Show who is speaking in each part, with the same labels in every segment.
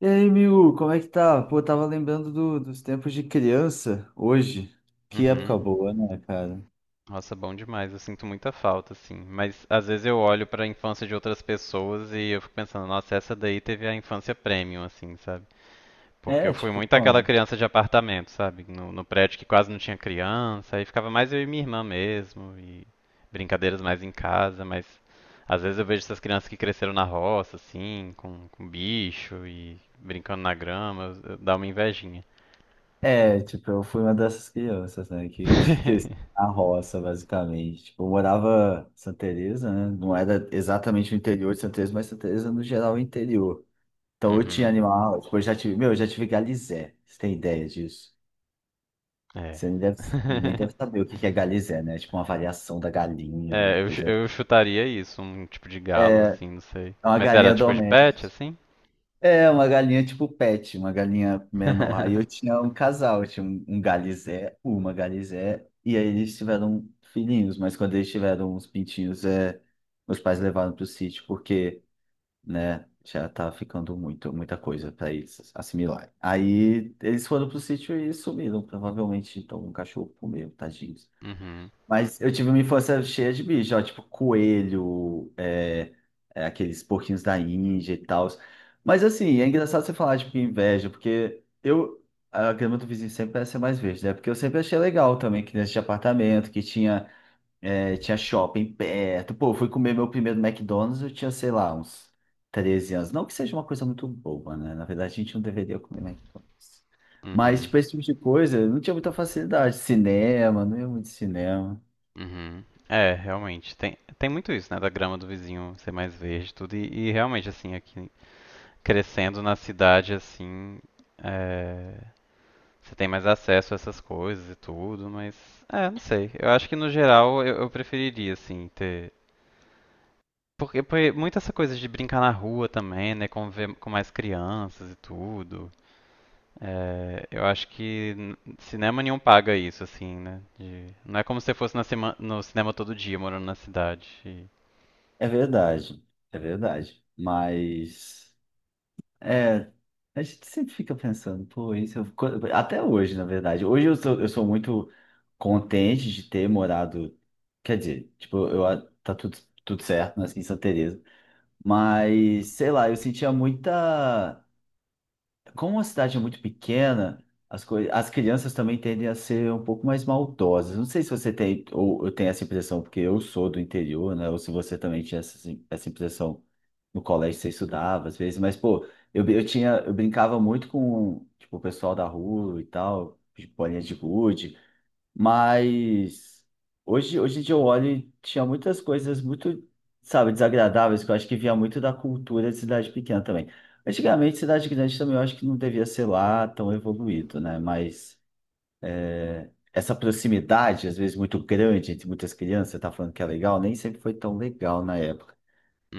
Speaker 1: E aí, Miu, como é que tá? Pô, tava lembrando dos tempos de criança hoje. Que época
Speaker 2: Uhum.
Speaker 1: boa, né, cara?
Speaker 2: Nossa, bom demais. Eu sinto muita falta, assim. Mas às vezes eu olho pra infância de outras pessoas e eu fico pensando, nossa, essa daí teve a infância premium, assim, sabe? Porque eu
Speaker 1: É,
Speaker 2: fui
Speaker 1: tipo,
Speaker 2: muito aquela
Speaker 1: quando?
Speaker 2: criança de apartamento, sabe? No prédio que quase não tinha criança, aí ficava mais eu e minha irmã mesmo, e brincadeiras mais em casa, mas às vezes eu vejo essas crianças que cresceram na roça, assim, com bicho e brincando na grama, dá uma invejinha.
Speaker 1: É, tipo, eu fui uma dessas crianças, né, que na roça, basicamente. Tipo, eu morava em Santa Teresa, né? Não era exatamente o interior de Santa Teresa, mas Santa Teresa, no geral, é interior. Então, eu tinha
Speaker 2: Uhum.
Speaker 1: animal, tipo, eu já tive, meu, eu já tive galizé. Você tem ideia disso?
Speaker 2: É.
Speaker 1: Você nem deve, nem deve saber o que que é galizé, né? Tipo, uma variação da galinha, uma
Speaker 2: É, eu, chu-
Speaker 1: coisa.
Speaker 2: eu chutaria isso, um tipo de galo, assim, não sei.
Speaker 1: É uma
Speaker 2: Mas era
Speaker 1: galinha
Speaker 2: tipo de pet,
Speaker 1: doméstica.
Speaker 2: assim?
Speaker 1: É, uma galinha tipo pet, uma galinha menor. Aí eu tinha um casal, eu tinha um galizé, uma galizé, e aí eles tiveram filhinhos, mas quando eles tiveram uns pintinhos, meus pais levaram pro sítio, porque, né, já tá ficando muita coisa para eles assimilarem. Aí eles foram pro sítio e sumiram, provavelmente, então um cachorro comeu, tadinho.
Speaker 2: Uhum,
Speaker 1: Mas eu tive uma infância cheia de bicho, ó, tipo coelho, aqueles porquinhos da Índia e tal. Mas assim, é engraçado você falar de inveja, a grama do vizinho sempre parece ser mais verde, né? Porque eu sempre achei legal também, criança de apartamento, que tinha, tinha shopping perto. Pô, eu fui comer meu primeiro McDonald's, eu tinha, sei lá, uns 13 anos. Não que seja uma coisa muito boba, né? Na verdade, a gente não deveria comer McDonald's. Mas,
Speaker 2: uhum,
Speaker 1: tipo, esse tipo de coisa, eu não tinha muita facilidade. Cinema, não ia muito cinema.
Speaker 2: uhum. É, realmente. Tem muito isso, né? Da grama do vizinho ser mais verde, tudo. E realmente, assim, aqui crescendo na cidade, assim, é, você tem mais acesso a essas coisas e tudo, mas. É, não sei. Eu acho que no geral eu preferiria, assim, ter. Porque muita essa coisa de brincar na rua também, né? Conviver com mais crianças e tudo. É, eu acho que cinema nenhum paga isso, assim, né? Não é como se você fosse no cinema todo dia, morando na cidade.
Speaker 1: É verdade, é verdade. Mas é, a gente sempre fica pensando, pô, até hoje, na verdade. Hoje eu sou muito contente de ter morado, quer dizer, tá tudo certo, nasci em Santa Teresa, mas sei lá, como a cidade é muito pequena, as coisas, as crianças também tendem a ser um pouco mais maldosas. Não sei se você tem ou eu tenho essa impressão, porque eu sou do interior, né? Ou se você também tinha essa impressão no colégio você estudava às vezes, mas pô, eu brincava muito com, tipo, o pessoal da rua e tal, de bolinha de gude, mas hoje em dia eu olho e tinha muitas coisas muito, sabe, desagradáveis que eu acho que vinha muito da cultura de cidade pequena também. Antigamente, cidade grande também eu acho que não devia ser lá tão evoluído, né? Mas essa proximidade, às vezes muito grande entre muitas crianças, você tá falando que é legal, nem sempre foi tão legal na época.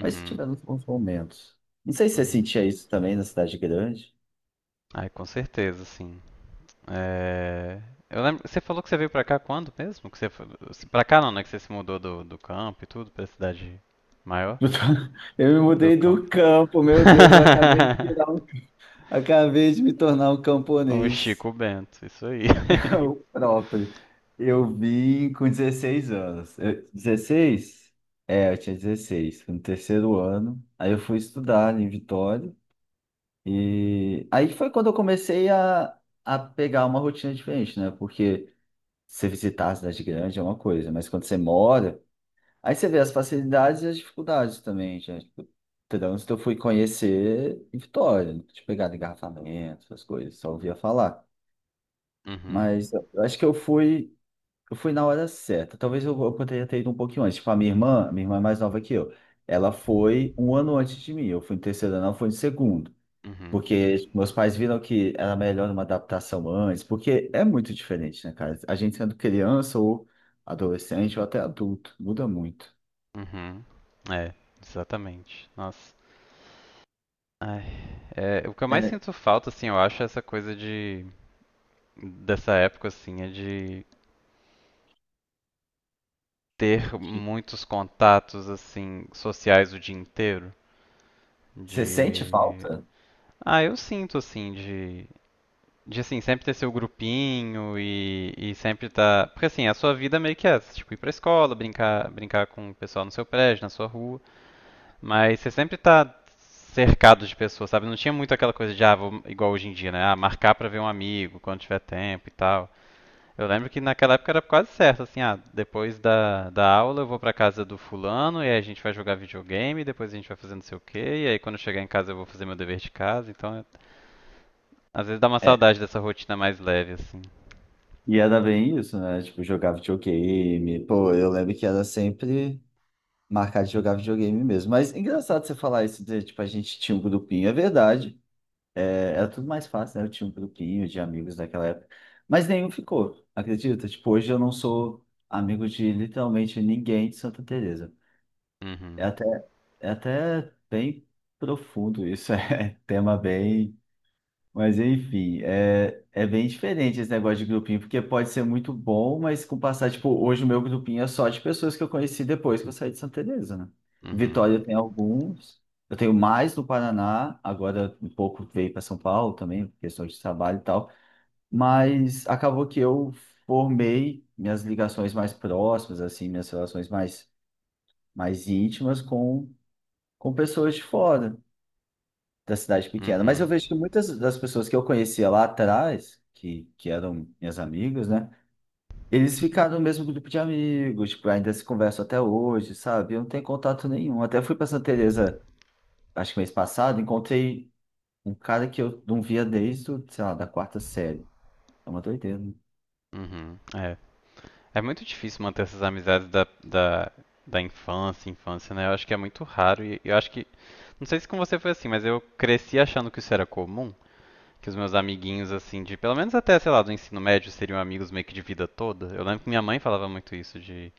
Speaker 1: Mas tivemos bons momentos. Não sei se você
Speaker 2: uhum.
Speaker 1: sentia isso também na cidade grande.
Speaker 2: Ai, com certeza, sim. É, eu lembro, você falou que você veio pra cá quando mesmo? Que você foi. Pra cá não, né? Que você se mudou do campo e tudo, pra cidade maior?
Speaker 1: Eu me
Speaker 2: Do
Speaker 1: mudei
Speaker 2: campo.
Speaker 1: do campo, meu Deus, eu acabei de virar um, acabei de me tornar um
Speaker 2: O
Speaker 1: camponês.
Speaker 2: Chico Bento, isso aí.
Speaker 1: O próprio. Eu vim com 16 anos. Eu- 16? É, eu tinha 16, no terceiro ano. Aí eu fui estudar em Vitória. E aí foi quando a pegar uma rotina diferente, né? Porque você visitar a cidade grande é uma coisa, mas quando você mora. Aí você vê as facilidades e as dificuldades também, gente. Tipo, trânsito eu fui conhecer em Vitória, não tinha pegado engarrafamento, essas coisas, só ouvia falar.
Speaker 2: Uhum,
Speaker 1: Mas eu acho que eu fui na hora certa. Talvez eu poderia ter ido um pouquinho antes. Tipo, minha irmã é mais nova que eu. Ela foi um ano antes de mim. Eu fui em terceiro ano, ela foi em segundo.
Speaker 2: uhum,
Speaker 1: Porque tipo, meus pais viram que era melhor uma adaptação antes, porque é muito diferente, né, cara? A gente sendo criança ou adolescente ou até adulto, muda muito.
Speaker 2: uhum. É, exatamente. Nossa. Ai, é, o que eu mais
Speaker 1: É.
Speaker 2: sinto falta, assim, eu acho, é essa coisa de dessa época, assim, é de ter muitos contatos, assim, sociais o dia inteiro.
Speaker 1: Você sente
Speaker 2: De.
Speaker 1: falta?
Speaker 2: Ah, eu sinto, assim, de. De, assim, sempre ter seu grupinho e sempre tá. Porque, assim, a sua vida meio que é essa, tipo, ir pra escola, brincar, brincar com o pessoal no seu prédio, na sua rua. Mas você sempre tá cercado de pessoas, sabe? Não tinha muito aquela coisa de, ah, vou, igual hoje em dia, né? Ah, marcar pra ver um amigo quando tiver tempo e tal. Eu lembro que naquela época era quase certo, assim, ah, depois da aula eu vou pra casa do fulano e aí a gente vai jogar videogame, depois a gente vai fazer não sei o quê, e aí quando eu chegar em casa eu vou fazer meu dever de casa. Então, às vezes dá uma
Speaker 1: É.
Speaker 2: saudade dessa rotina mais leve, assim.
Speaker 1: E era bem isso, né? Tipo, jogar videogame. Pô, eu lembro que era sempre marcar de jogar videogame mesmo. Mas engraçado você falar isso de, tipo, a gente tinha um grupinho. É verdade. É, era tudo mais fácil, né? Eu tinha um grupinho de amigos naquela época. Mas nenhum ficou, acredita? Tipo, hoje eu não sou amigo de literalmente ninguém de Santa Teresa. É
Speaker 2: Uhum,
Speaker 1: até, é até bem profundo isso. É tema bem. Mas enfim, é bem diferente esse negócio de grupinho, porque pode ser muito bom, mas com o passar, tipo, hoje o meu grupinho é só de pessoas que eu conheci depois que eu saí de Santa Teresa, né? Em
Speaker 2: uhum,
Speaker 1: Vitória eu tenho alguns, eu tenho mais no Paraná, agora um pouco veio para São Paulo também, por questão de trabalho e tal, mas acabou que eu formei minhas ligações mais próximas, assim, mais íntimas com pessoas de fora da cidade pequena. Mas eu
Speaker 2: uhum,
Speaker 1: vejo que muitas das pessoas que eu conhecia lá atrás, que eram minhas amigas, né? Eles ficaram no mesmo grupo de amigos, tipo, ainda se conversam até hoje, sabe? Eu não tenho contato nenhum. Até fui pra Santa Teresa, acho que mês passado, encontrei um cara que eu não via desde, o, sei lá, da quarta série. É uma doideira, né?
Speaker 2: uhum. É muito difícil manter essas amizades da infância, né? Eu acho que é muito raro e eu acho que. Não sei se com você foi assim, mas eu cresci achando que isso era comum. Que os meus amiguinhos, assim, de pelo menos até, sei lá, do ensino médio, seriam amigos meio que de vida toda. Eu lembro que minha mãe falava muito isso de.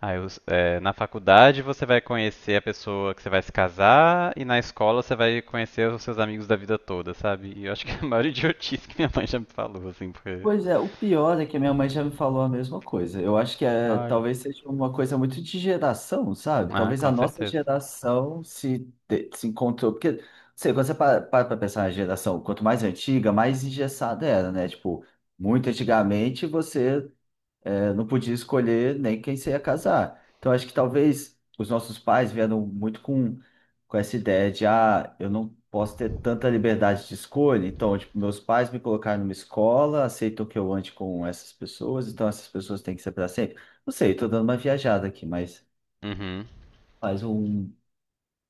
Speaker 2: Ah, na faculdade você vai conhecer a pessoa que você vai se casar e na escola você vai conhecer os seus amigos da vida toda, sabe? E eu acho que é a maior idiotice que minha mãe já me falou, assim, porque.
Speaker 1: Pois é, o pior é que a minha mãe já me falou a mesma coisa. Eu acho que é,
Speaker 2: Olha.
Speaker 1: talvez seja uma coisa muito de geração, sabe?
Speaker 2: Ah,
Speaker 1: Talvez a
Speaker 2: com
Speaker 1: nossa
Speaker 2: certeza.
Speaker 1: geração se, te- se encontrou. Porque, não sei, quando você para para pra pensar na geração, quanto mais antiga, mais engessada era, né? Tipo, muito antigamente você não podia escolher nem quem se ia casar. Então, acho que talvez os nossos pais vieram muito com essa ideia de, ah, eu não posso ter tanta liberdade de escolha. Então, tipo, meus pais me colocaram numa escola, aceitam que eu ande com essas pessoas, então essas pessoas têm que ser para sempre. Não sei, estou dando uma viajada aqui, mas
Speaker 2: Uhum.
Speaker 1: faz um.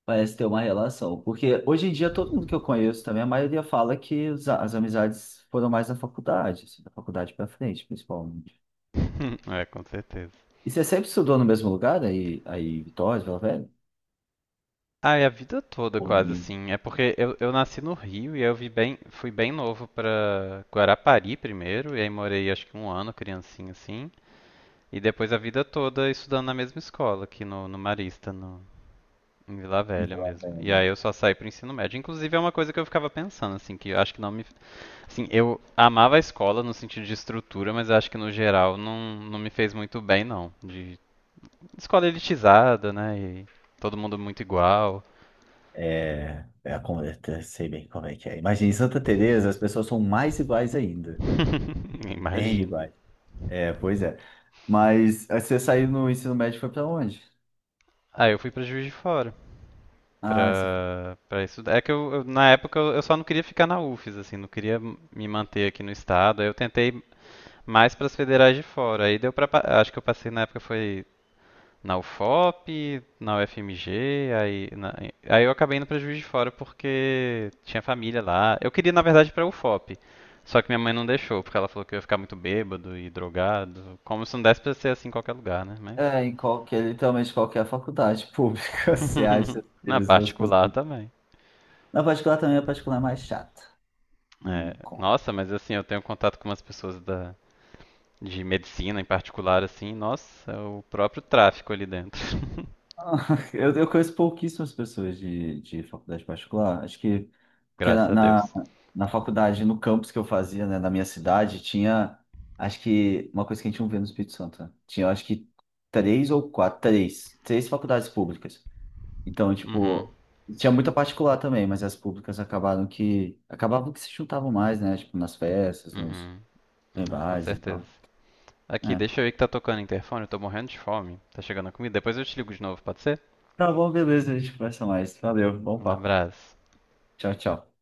Speaker 1: Parece ter uma relação, porque hoje em dia todo mundo que eu conheço também, a maioria fala que as amizades foram mais na faculdade, assim, da faculdade para frente, principalmente.
Speaker 2: É, com certeza.
Speaker 1: E você sempre estudou no mesmo lugar, aí em Vitória, Vila Velha?
Speaker 2: Ah, e a vida toda
Speaker 1: Ou
Speaker 2: quase
Speaker 1: em
Speaker 2: assim. É porque eu nasci no Rio e eu vi bem, fui bem novo pra Guarapari primeiro, e aí morei acho que um ano, criancinha assim, e depois a vida toda estudando na mesma escola, aqui no Marista, no, em Vila
Speaker 1: em
Speaker 2: Velha
Speaker 1: Vila
Speaker 2: mesmo. E
Speaker 1: Velha?
Speaker 2: aí eu só saí pro ensino médio. Inclusive é uma coisa que eu ficava pensando, assim, que eu acho que não me. Assim, eu amava a escola no sentido de estrutura, mas eu acho que no geral não me fez muito bem, não. De escola elitizada, né? E todo mundo muito igual.
Speaker 1: É, é a eu sei bem como é que é. Imagina, em Santa Teresa as pessoas são mais iguais ainda. Bem
Speaker 2: Imagino.
Speaker 1: iguais. É, pois é. Mas aí você saiu no ensino médio e foi pra onde?
Speaker 2: Aí eu fui pra Juiz de Fora
Speaker 1: Ah, você foi.
Speaker 2: pra estudar. É que na época eu só não queria ficar na UFES, assim, não queria me manter aqui no estado. Aí eu tentei mais pras federais de fora. Aí deu pra. Acho que eu passei na época foi na UFOP, na UFMG, aí, aí eu acabei indo pra Juiz de Fora porque tinha família lá. Eu queria, na verdade, ir pra UFOP. Só que minha mãe não deixou, porque ela falou que eu ia ficar muito bêbado e drogado. Como se não desse pra ser assim em qualquer lugar, né? Mas
Speaker 1: É, em qualquer, literalmente qualquer faculdade pública, você acha as
Speaker 2: na
Speaker 1: mesmas
Speaker 2: particular
Speaker 1: possibilidades.
Speaker 2: também.
Speaker 1: Na particular também, a particular é mais chata.
Speaker 2: É,
Speaker 1: Não conta.
Speaker 2: nossa, mas assim, eu tenho contato com umas pessoas de medicina em particular, assim, nossa, é o próprio tráfico ali dentro.
Speaker 1: Ah, eu conheço pouquíssimas pessoas de faculdade particular. Acho que porque
Speaker 2: Graças a Deus.
Speaker 1: na faculdade, no campus que eu fazia, né, na minha cidade, tinha acho que uma coisa que a gente não vê no Espírito Santo, né? Tinha acho que três ou quatro, três, três faculdades públicas. Então,
Speaker 2: Uhum,
Speaker 1: tipo, tinha muita particular também, mas as públicas acabaram que acabavam que se juntavam mais, né? Tipo, nas festas, nos
Speaker 2: uhum.
Speaker 1: em
Speaker 2: É, com
Speaker 1: bares e
Speaker 2: certeza.
Speaker 1: tal.
Speaker 2: Aqui,
Speaker 1: É.
Speaker 2: deixa eu ver que tá tocando o interfone, eu tô morrendo de fome. Tá chegando a comida. Depois eu te ligo de novo, pode ser?
Speaker 1: Tá bom, beleza, a gente conversa mais. Valeu, bom
Speaker 2: Um
Speaker 1: papo.
Speaker 2: abraço.
Speaker 1: Tchau, tchau.